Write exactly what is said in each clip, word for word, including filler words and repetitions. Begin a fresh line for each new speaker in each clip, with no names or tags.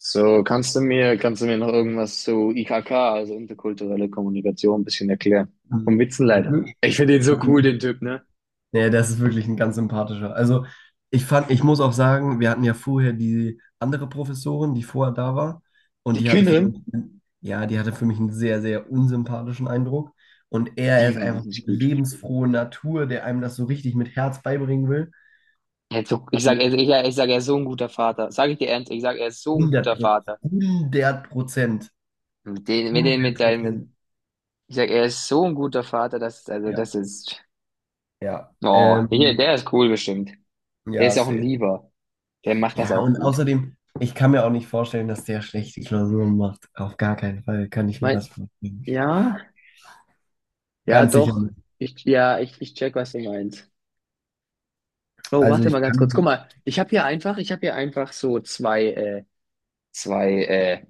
So, kannst du mir, kannst du mir noch irgendwas zu I K K, also interkulturelle Kommunikation, ein bisschen erklären? Vom Witzenleiter.
Mhm.
Ich finde den so cool, den Typ, ne?
Nee, das ist wirklich ein ganz sympathischer. Also ich fand, ich muss auch sagen, wir hatten ja vorher die andere Professorin, die vorher da war, und
Die
die hatte für mich,
Künnerin,
ja, die hatte für mich einen sehr, sehr unsympathischen Eindruck. Und er
die
ist
war auch
einfach so
nicht
eine
gut.
lebensfrohe Natur, der einem das so richtig mit Herz beibringen will.
Er hat so- Ich sag, ich, ich, ich sag, er ist so ein guter Vater. Sag ich dir ernst, ich sag, er ist so ein
Hundert
guter
Prozent,
Vater.
Hundert Prozent,
Mit den, mit den, mit
Hundert
seinen,
Prozent.
ich sag, er ist so ein guter Vater, dass also,
Ja.
das ist,
Ja,
oh, hier, der
ähm,
ist cool bestimmt. Der
ja,
ist auch ein
safe.
Lieber. Der macht das
Ja,
auch
und
gut.
außerdem, ich kann mir auch nicht vorstellen, dass der schlechte Klausuren macht. Auf gar keinen Fall kann ich mir
Mein,
das vorstellen.
ja, ja,
Ganz sicher
doch.
nicht.
Ich, ja, ich, ich check, was du meinst. Oh,
Also
warte mal
ich
ganz kurz. Guck
kann,
mal, ich habe hier einfach, ich habe hier einfach so zwei, äh, zwei, äh,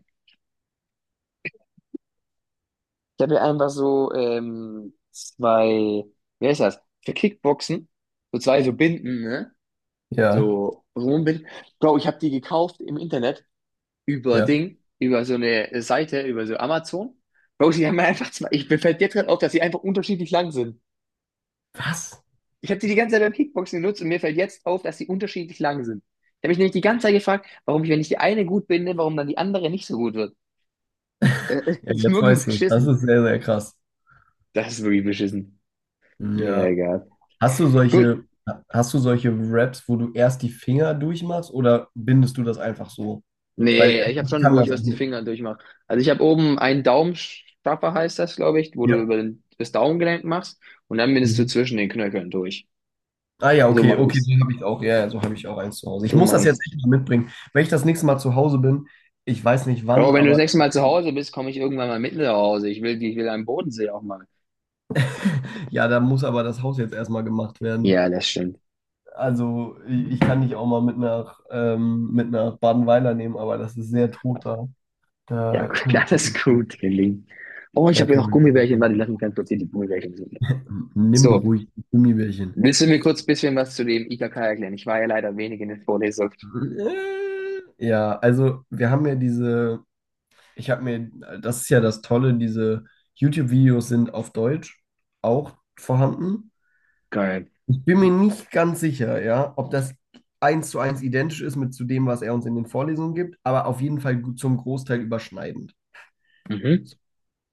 ich habe hier einfach so ähm, zwei, wer ist das? Für Kickboxen, so zwei so Binden, ne?
ja,
So Rumbinden. Bro, ich habe die gekauft im Internet über
ja.
Ding, über so eine Seite, über so Amazon. Bro, die haben mir einfach zwei. Ich mir fällt jetzt gerade auf, dass sie einfach unterschiedlich lang sind.
Was?
Ich habe die die ganze Zeit beim Kickboxen genutzt und mir fällt jetzt auf, dass sie unterschiedlich lang sind. Ich habe mich nämlich die ganze Zeit gefragt, warum ich, wenn ich die eine gut binde, warum dann die andere nicht so gut wird. Äh,
Ja,
Das ist
jetzt
wirklich
weißt du es. Das
beschissen.
ist sehr, sehr krass.
Das ist wirklich beschissen. Ja,
Ja.
egal.
Hast du
Gut.
solche, hast du solche Raps, wo du erst die Finger durchmachst oder bindest du das einfach so? Weil
Nee, ich habe
ich
schon,
kann
wo ich
das auch
erst die
nicht.
Finger durchmache. Also ich habe oben einen Daumenstrapper, heißt das, glaube ich, wo du
Ja.
über den, das Daumengelenk machst, und dann bindest du
Mhm.
zwischen den Knöcheln durch.
Ah ja,
So
okay,
mache
okay,
ich's.
so habe ich auch, ja, ja, so habe ich auch eins zu Hause. Ich
So
muss
mache
das jetzt
ich's.
echt mal mitbringen. Wenn ich das nächste Mal zu Hause bin, ich weiß nicht wann,
Bro, wenn du das
aber
nächste Mal zu Hause bist, komme ich irgendwann mal mit nach Hause. Ich will, die- ich will einen Bodensee auch mal.
ja, da muss aber das Haus jetzt erstmal gemacht werden.
Ja, das stimmt.
Also ich, ich kann dich auch mal mit nach, ähm, mit nach Badenweiler nehmen, aber das ist sehr tot da.
Ja,
Da
gut,
können wir
alles
nicht hin.
gut, gelingt. Oh, ich
Da
habe hier
können
noch
wir nicht
Gummibärchen. Warte,
hin.
lass mich ganz kurz hier die Gummibärchen suchen.
Nimm
So,
ruhig die Gummibärchen.
willst du mir kurz ein bisschen was zu dem I K K erklären? Ich war ja leider wenig in der Vorlesung.
Äh, Ja, also wir haben ja diese Ich habe mir, das ist ja das Tolle, diese YouTube-Videos sind auf Deutsch auch vorhanden.
Geil.
Ich bin mir nicht ganz sicher, ja, ob das eins zu eins identisch ist mit zu dem, was er uns in den Vorlesungen gibt, aber auf jeden Fall gut- zum Großteil überschneidend.
Mhm.
So,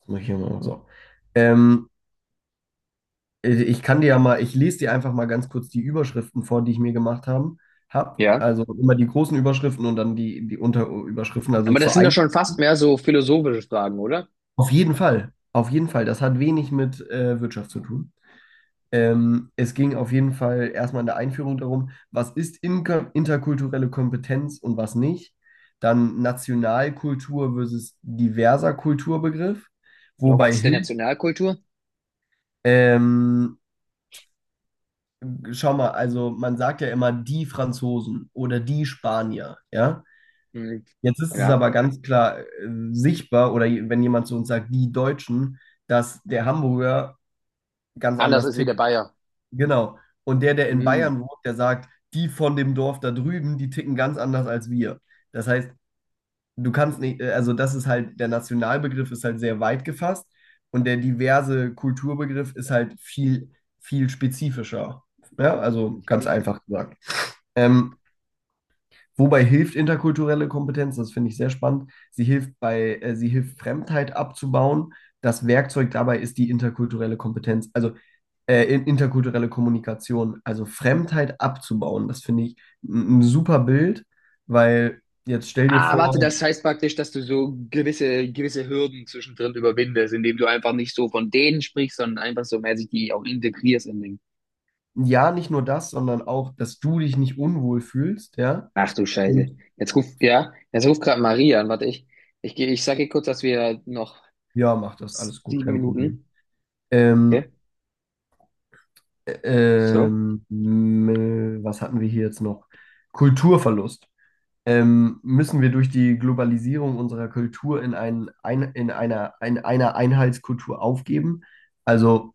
das mach ich hier mal so. Ähm, äh, ich kann dir ja mal, Ich lese dir einfach mal ganz kurz die Überschriften vor, die ich mir gemacht haben, hab.
Ja.
Also immer die großen Überschriften und dann die, die Unterüberschriften, also
Aber das
zur
sind ja schon fast
Einführung.
mehr so philosophische Fragen, oder?
Auf jeden Fall, auf jeden Fall. Das hat wenig mit äh, Wirtschaft zu tun. Ähm, es ging auf jeden Fall erstmal in der Einführung darum, was ist Inka- interkulturelle Kompetenz und was nicht. Dann Nationalkultur versus diverser Kulturbegriff.
Ja, was
Wobei
ist denn
hilft,
Nationalkultur?
ähm, schau mal, also man sagt ja immer die Franzosen oder die Spanier, ja.
Hm,
Jetzt ist es
ja.
aber ganz klar äh, sichtbar, oder je- wenn jemand zu uns sagt, die Deutschen, dass der Hamburger ganz
Anders
anders
ist wie der
tickt.
Bayer.
Genau. Und der, der in Bayern
Hm.
wohnt, der sagt, die von dem Dorf da drüben, die ticken ganz anders als wir. Das heißt, du kannst nicht, äh, also das ist halt, der Nationalbegriff ist halt sehr weit gefasst und der diverse Kulturbegriff ist halt viel, viel spezifischer. Ja, also
Mhm.
ganz einfach gesagt. Ähm, Wobei hilft interkulturelle Kompetenz, das finde ich sehr spannend. Sie hilft bei, äh, sie hilft Fremdheit abzubauen. Das Werkzeug dabei ist die interkulturelle Kompetenz. Also äh, in- interkulturelle Kommunikation, also Fremdheit abzubauen. Das finde ich ein ein super Bild, weil jetzt stell dir
Ah, warte,
vor,
das heißt praktisch, dass du so gewisse, gewisse Hürden zwischendrin überwindest, indem du einfach nicht so von denen sprichst, sondern einfach so mäßig die auch integrierst in den.
ja, nicht nur das, sondern auch, dass du dich nicht unwohl fühlst, ja.
Ach du Scheiße.
Und
Jetzt ruft, ja, jetzt ruft gerade Maria an. Warte, ich, ich gehe, ich sage ihr kurz, dass wir noch
ja, mach das, alles gut,
sieben
kein Problem.
Minuten.
Ähm,
Okay,
äh,
so.
ähm, m- Was hatten wir hier jetzt noch? Kulturverlust. Ähm, müssen wir durch die Globalisierung unserer Kultur in, ein, ein, in einer, in einer Einheitskultur aufgeben? Also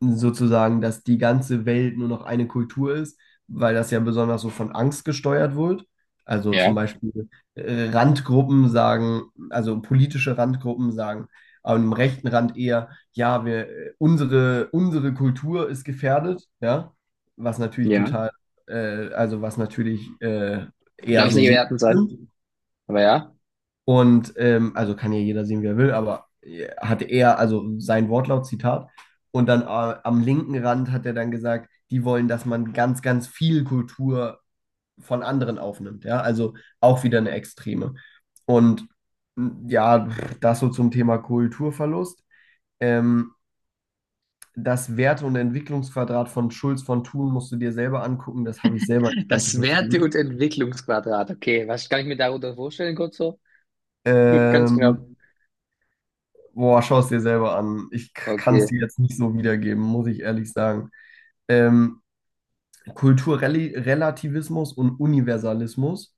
sozusagen, dass die ganze Welt nur noch eine Kultur ist, weil das ja besonders so von Angst gesteuert wird. Also zum
Ja.
Beispiel äh, Randgruppen sagen, also politische Randgruppen sagen, am rechten Rand eher, ja, wir, äh, unsere, unsere Kultur ist gefährdet, ja, was natürlich
Ja.
total, äh, also was natürlich äh,
Du
eher
darfst
so
nicht
sehen.
wertend sein. Aber ja.
Und ähm, also kann ja jeder sehen, wie er will, aber äh, hatte er, also sein Wortlaut, Zitat. Und dann äh, am linken Rand hat er dann gesagt, die wollen, dass man ganz, ganz viel Kultur von anderen aufnimmt. Ja, also auch wieder eine Extreme. Und m, ja, das so zum Thema Kulturverlust. Ähm, Das Werte- und Entwicklungsquadrat von Schulz von Thun musst du dir selber angucken. Das habe ich selber nicht ganz so
Das Werte-
verstanden.
und Entwicklungsquadrat. Okay, was kann ich mir darunter vorstellen, kurz so? Nur ganz genau.
Ähm, Boah, schau es dir selber an. Ich kann
Okay,
es dir jetzt nicht so wiedergeben, muss ich ehrlich sagen. Ähm, Kulturrelativismus und Universalismus.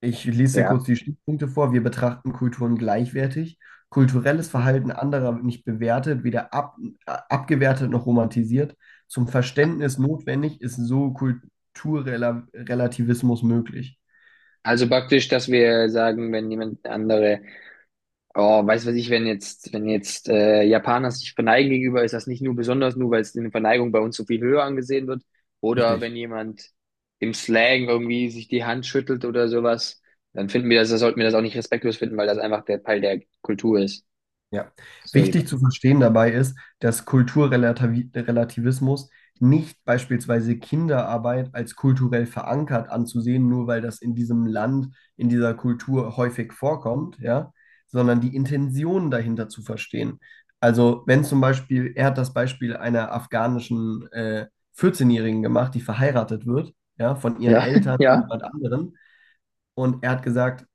Ich lese dir kurz
ja.
die Stichpunkte vor. Wir betrachten Kulturen gleichwertig. Kulturelles
Mhm.
Verhalten anderer wird nicht bewertet, weder ab, äh, abgewertet noch romantisiert. Zum Verständnis notwendig ist so Kulturrelativismus möglich.
Also praktisch, dass wir sagen, wenn jemand andere. Oh, weiß was ich, wenn jetzt, wenn jetzt äh, Japaner sich verneigen gegenüber, ist das nicht nur besonders, nur weil es in der Verneigung bei uns so viel höher angesehen wird. Oder
Richtig.
wenn jemand im Slang irgendwie sich die Hand schüttelt oder sowas, dann finden wir das, das sollten wir das auch nicht respektlos finden, weil das einfach der Teil der Kultur ist.
Ja.
So
Wichtig
jemand.
zu verstehen dabei ist, dass Kulturrelativismus nicht beispielsweise Kinderarbeit als kulturell verankert anzusehen, nur weil das in diesem Land, in dieser Kultur häufig vorkommt, ja, sondern die Intention dahinter zu verstehen. Also wenn zum Beispiel, er hat das Beispiel einer afghanischen äh, vierzehnjährigen-Jährigen gemacht, die verheiratet wird, ja, von ihren
Ja,
Eltern, zu
ja.
jemand anderen, und er hat gesagt,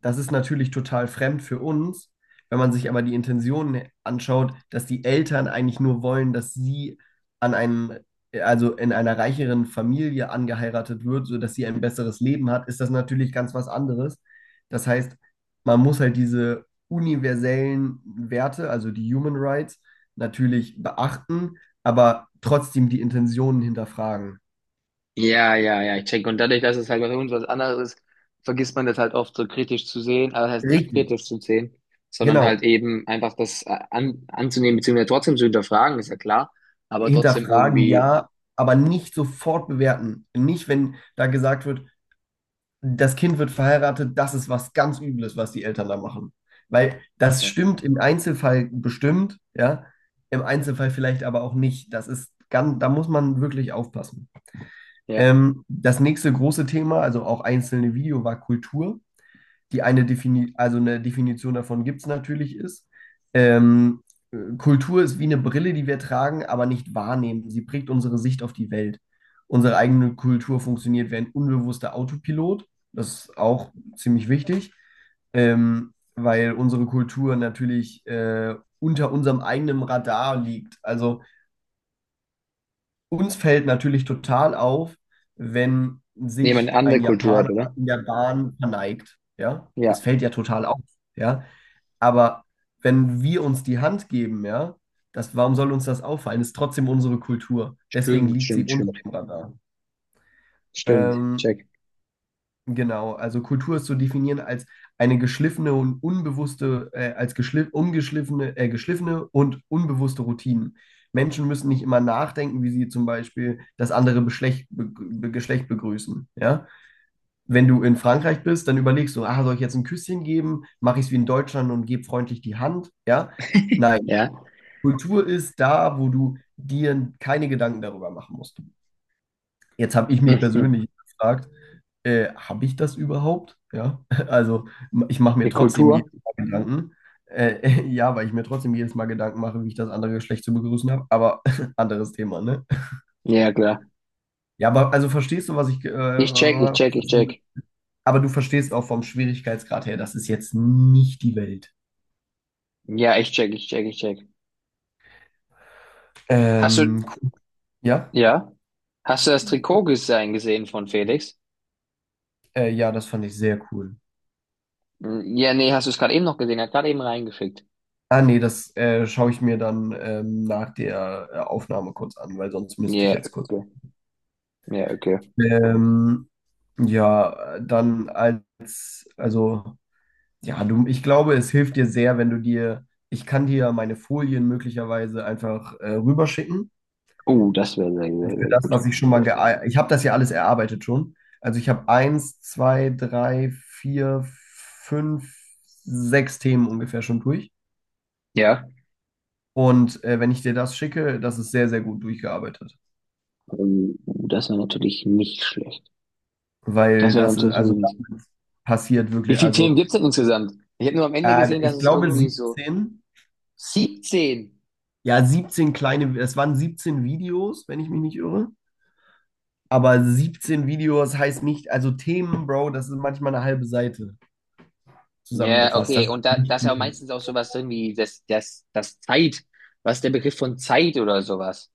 das ist natürlich total fremd für uns. Wenn man sich aber die Intentionen anschaut, dass die Eltern eigentlich nur wollen, dass sie an einem, also in einer reicheren Familie angeheiratet wird, sodass sie ein besseres Leben hat, ist das natürlich ganz was anderes. Das heißt, man muss halt diese universellen Werte, also die Human Rights, natürlich beachten, aber trotzdem die Intentionen hinterfragen.
Ja, ja, ja, ich check. Und dadurch, dass es halt bei uns was anderes ist, vergisst man das halt oft so kritisch zu sehen, aber das heißt nicht
Richtig.
kritisch zu sehen, sondern
Genau,
halt eben einfach das äh, an, anzunehmen, beziehungsweise trotzdem zu hinterfragen, ist ja klar, aber trotzdem
Hinterfragen
irgendwie,
ja, aber nicht sofort bewerten. Nicht, wenn da gesagt wird, das Kind wird verheiratet, das ist was ganz Übles, was die Eltern da machen. Weil das
ja,
stimmt im Einzelfall bestimmt, ja, im Einzelfall vielleicht aber auch nicht. Das ist ganz, da muss man wirklich aufpassen.
ja,
Ähm, das nächste große Thema, also auch einzelne Video, war Kultur die eine Defini also eine Definition davon gibt es natürlich ist. Ähm, Kultur ist wie eine Brille, die wir tragen, aber nicht wahrnehmen. Sie prägt unsere Sicht auf die Welt. Unsere eigene Kultur funktioniert wie ein unbewusster Autopilot. Das ist auch ziemlich wichtig, ähm, weil unsere Kultur natürlich äh, unter unserem eigenen Radar liegt. Also uns fällt natürlich total auf, wenn
jemand
sich
eine andere
ein
Kultur hat,
Japaner
oder?
in der Bahn verneigt. Ja,
Ja,
das fällt ja total auf. Ja, aber wenn wir uns die Hand geben, ja, das, warum soll uns das auffallen? Ist trotzdem unsere Kultur. Deswegen
stimmt,
liegt sie
stimmt,
unter
stimmt,
dem Radar.
stimmt,
Ähm,
check.
Genau, also Kultur ist zu definieren als eine geschliffene und unbewusste, äh, als geschliff, umgeschliffene, äh, geschliffene und unbewusste Routinen. Menschen müssen nicht immer nachdenken, wie sie zum Beispiel das andere Beschlecht, be, be, Geschlecht begrüßen. Ja? Wenn du in Frankreich bist, dann überlegst du, ah, soll ich jetzt ein Küsschen geben? Mache ich es wie in Deutschland und gebe freundlich die Hand? Ja? Nein,
Ja,
Kultur ist da, wo du dir keine Gedanken darüber machen musst. Jetzt habe ich mich
mhm.
persönlich gefragt, äh, habe ich das überhaupt? Ja, also ich mache mir
Die
trotzdem
Kultur?
jedes Mal Gedanken. Äh, ja, weil ich mir trotzdem jedes Mal Gedanken mache, wie ich das andere Geschlecht zu begrüßen habe, aber anderes Thema, ne?
Ja, klar.
Ja, aber also verstehst du, was ich. Äh,
Ich check, ich
was
check, ich
das-
check.
aber du verstehst auch vom Schwierigkeitsgrad her, das ist jetzt nicht die Welt.
Ja, ich check, ich check, ich check. Hast
Ähm,
du,
cool. Ja,
ja, hast du das Trikotdesign gesehen gesehen von Felix?
äh, ja, das fand ich sehr cool.
Ja, nee, hast du es gerade eben noch gesehen? Er hat gerade eben reingeschickt.
Ah, nee, das äh, schaue ich mir dann ähm, nach der äh, Aufnahme kurz an, weil sonst müsste ich
Ja,
jetzt kurz.
okay. Ja, okay.
Ähm, ja, äh, dann als Also, ja, du, ich glaube, es hilft dir sehr, wenn du dir, ich kann dir ja meine Folien möglicherweise einfach äh, rüberschicken.
Oh, das wäre sehr,
Und
sehr,
für
sehr
das,
gut.
was ich schon mal, gea- ich habe das ja alles erarbeitet schon. Also ich habe eins, zwei, drei, vier, fünf, sechs Themen ungefähr schon durch.
Ja.
Und äh, wenn ich dir das schicke, das ist sehr, sehr gut durchgearbeitet.
Oh, das wäre natürlich nicht schlecht. Das
Weil
wäre
das ist,
natürlich
also
nicht.
damit passiert
Wie
wirklich,
viele Themen
also
gibt es denn insgesamt? Ich habe nur am Ende
äh,
gesehen, dass
ich
es
glaube
irgendwie so
siebzehn.
siebzehn.
Ja, siebzehn kleine, es waren siebzehn Videos, wenn ich mich nicht irre. Aber siebzehn Videos heißt nicht, also Themen, Bro, das ist manchmal eine halbe Seite
Ja,
zusammengefasst.
okay.
Das ist
Und da, da
nicht
ist ja auch
viel.
meistens auch sowas drin wie das, das, das Zeit. Was ist der Begriff von Zeit oder sowas?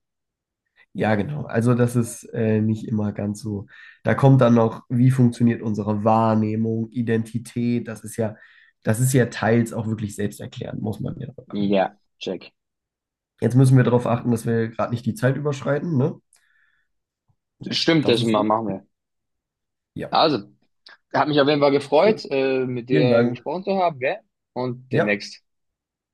Ja, genau. Also das ist äh, nicht immer ganz so. Da kommt dann noch, wie funktioniert unsere Wahrnehmung, Identität. Das ist ja, das ist ja teils auch wirklich selbsterklärend, muss man ja sagen.
Ja, check.
Jetzt müssen wir darauf achten, dass wir gerade nicht die Zeit überschreiten, ne?
Stimmt,
Das
das
ist
ma-
so.
machen wir.
Ja.
Also. Hat mich auf jeden Fall
Gut,
gefreut, äh, mit
vielen
dir
Dank.
gesprochen zu haben, gell? Und
Ja.
demnächst.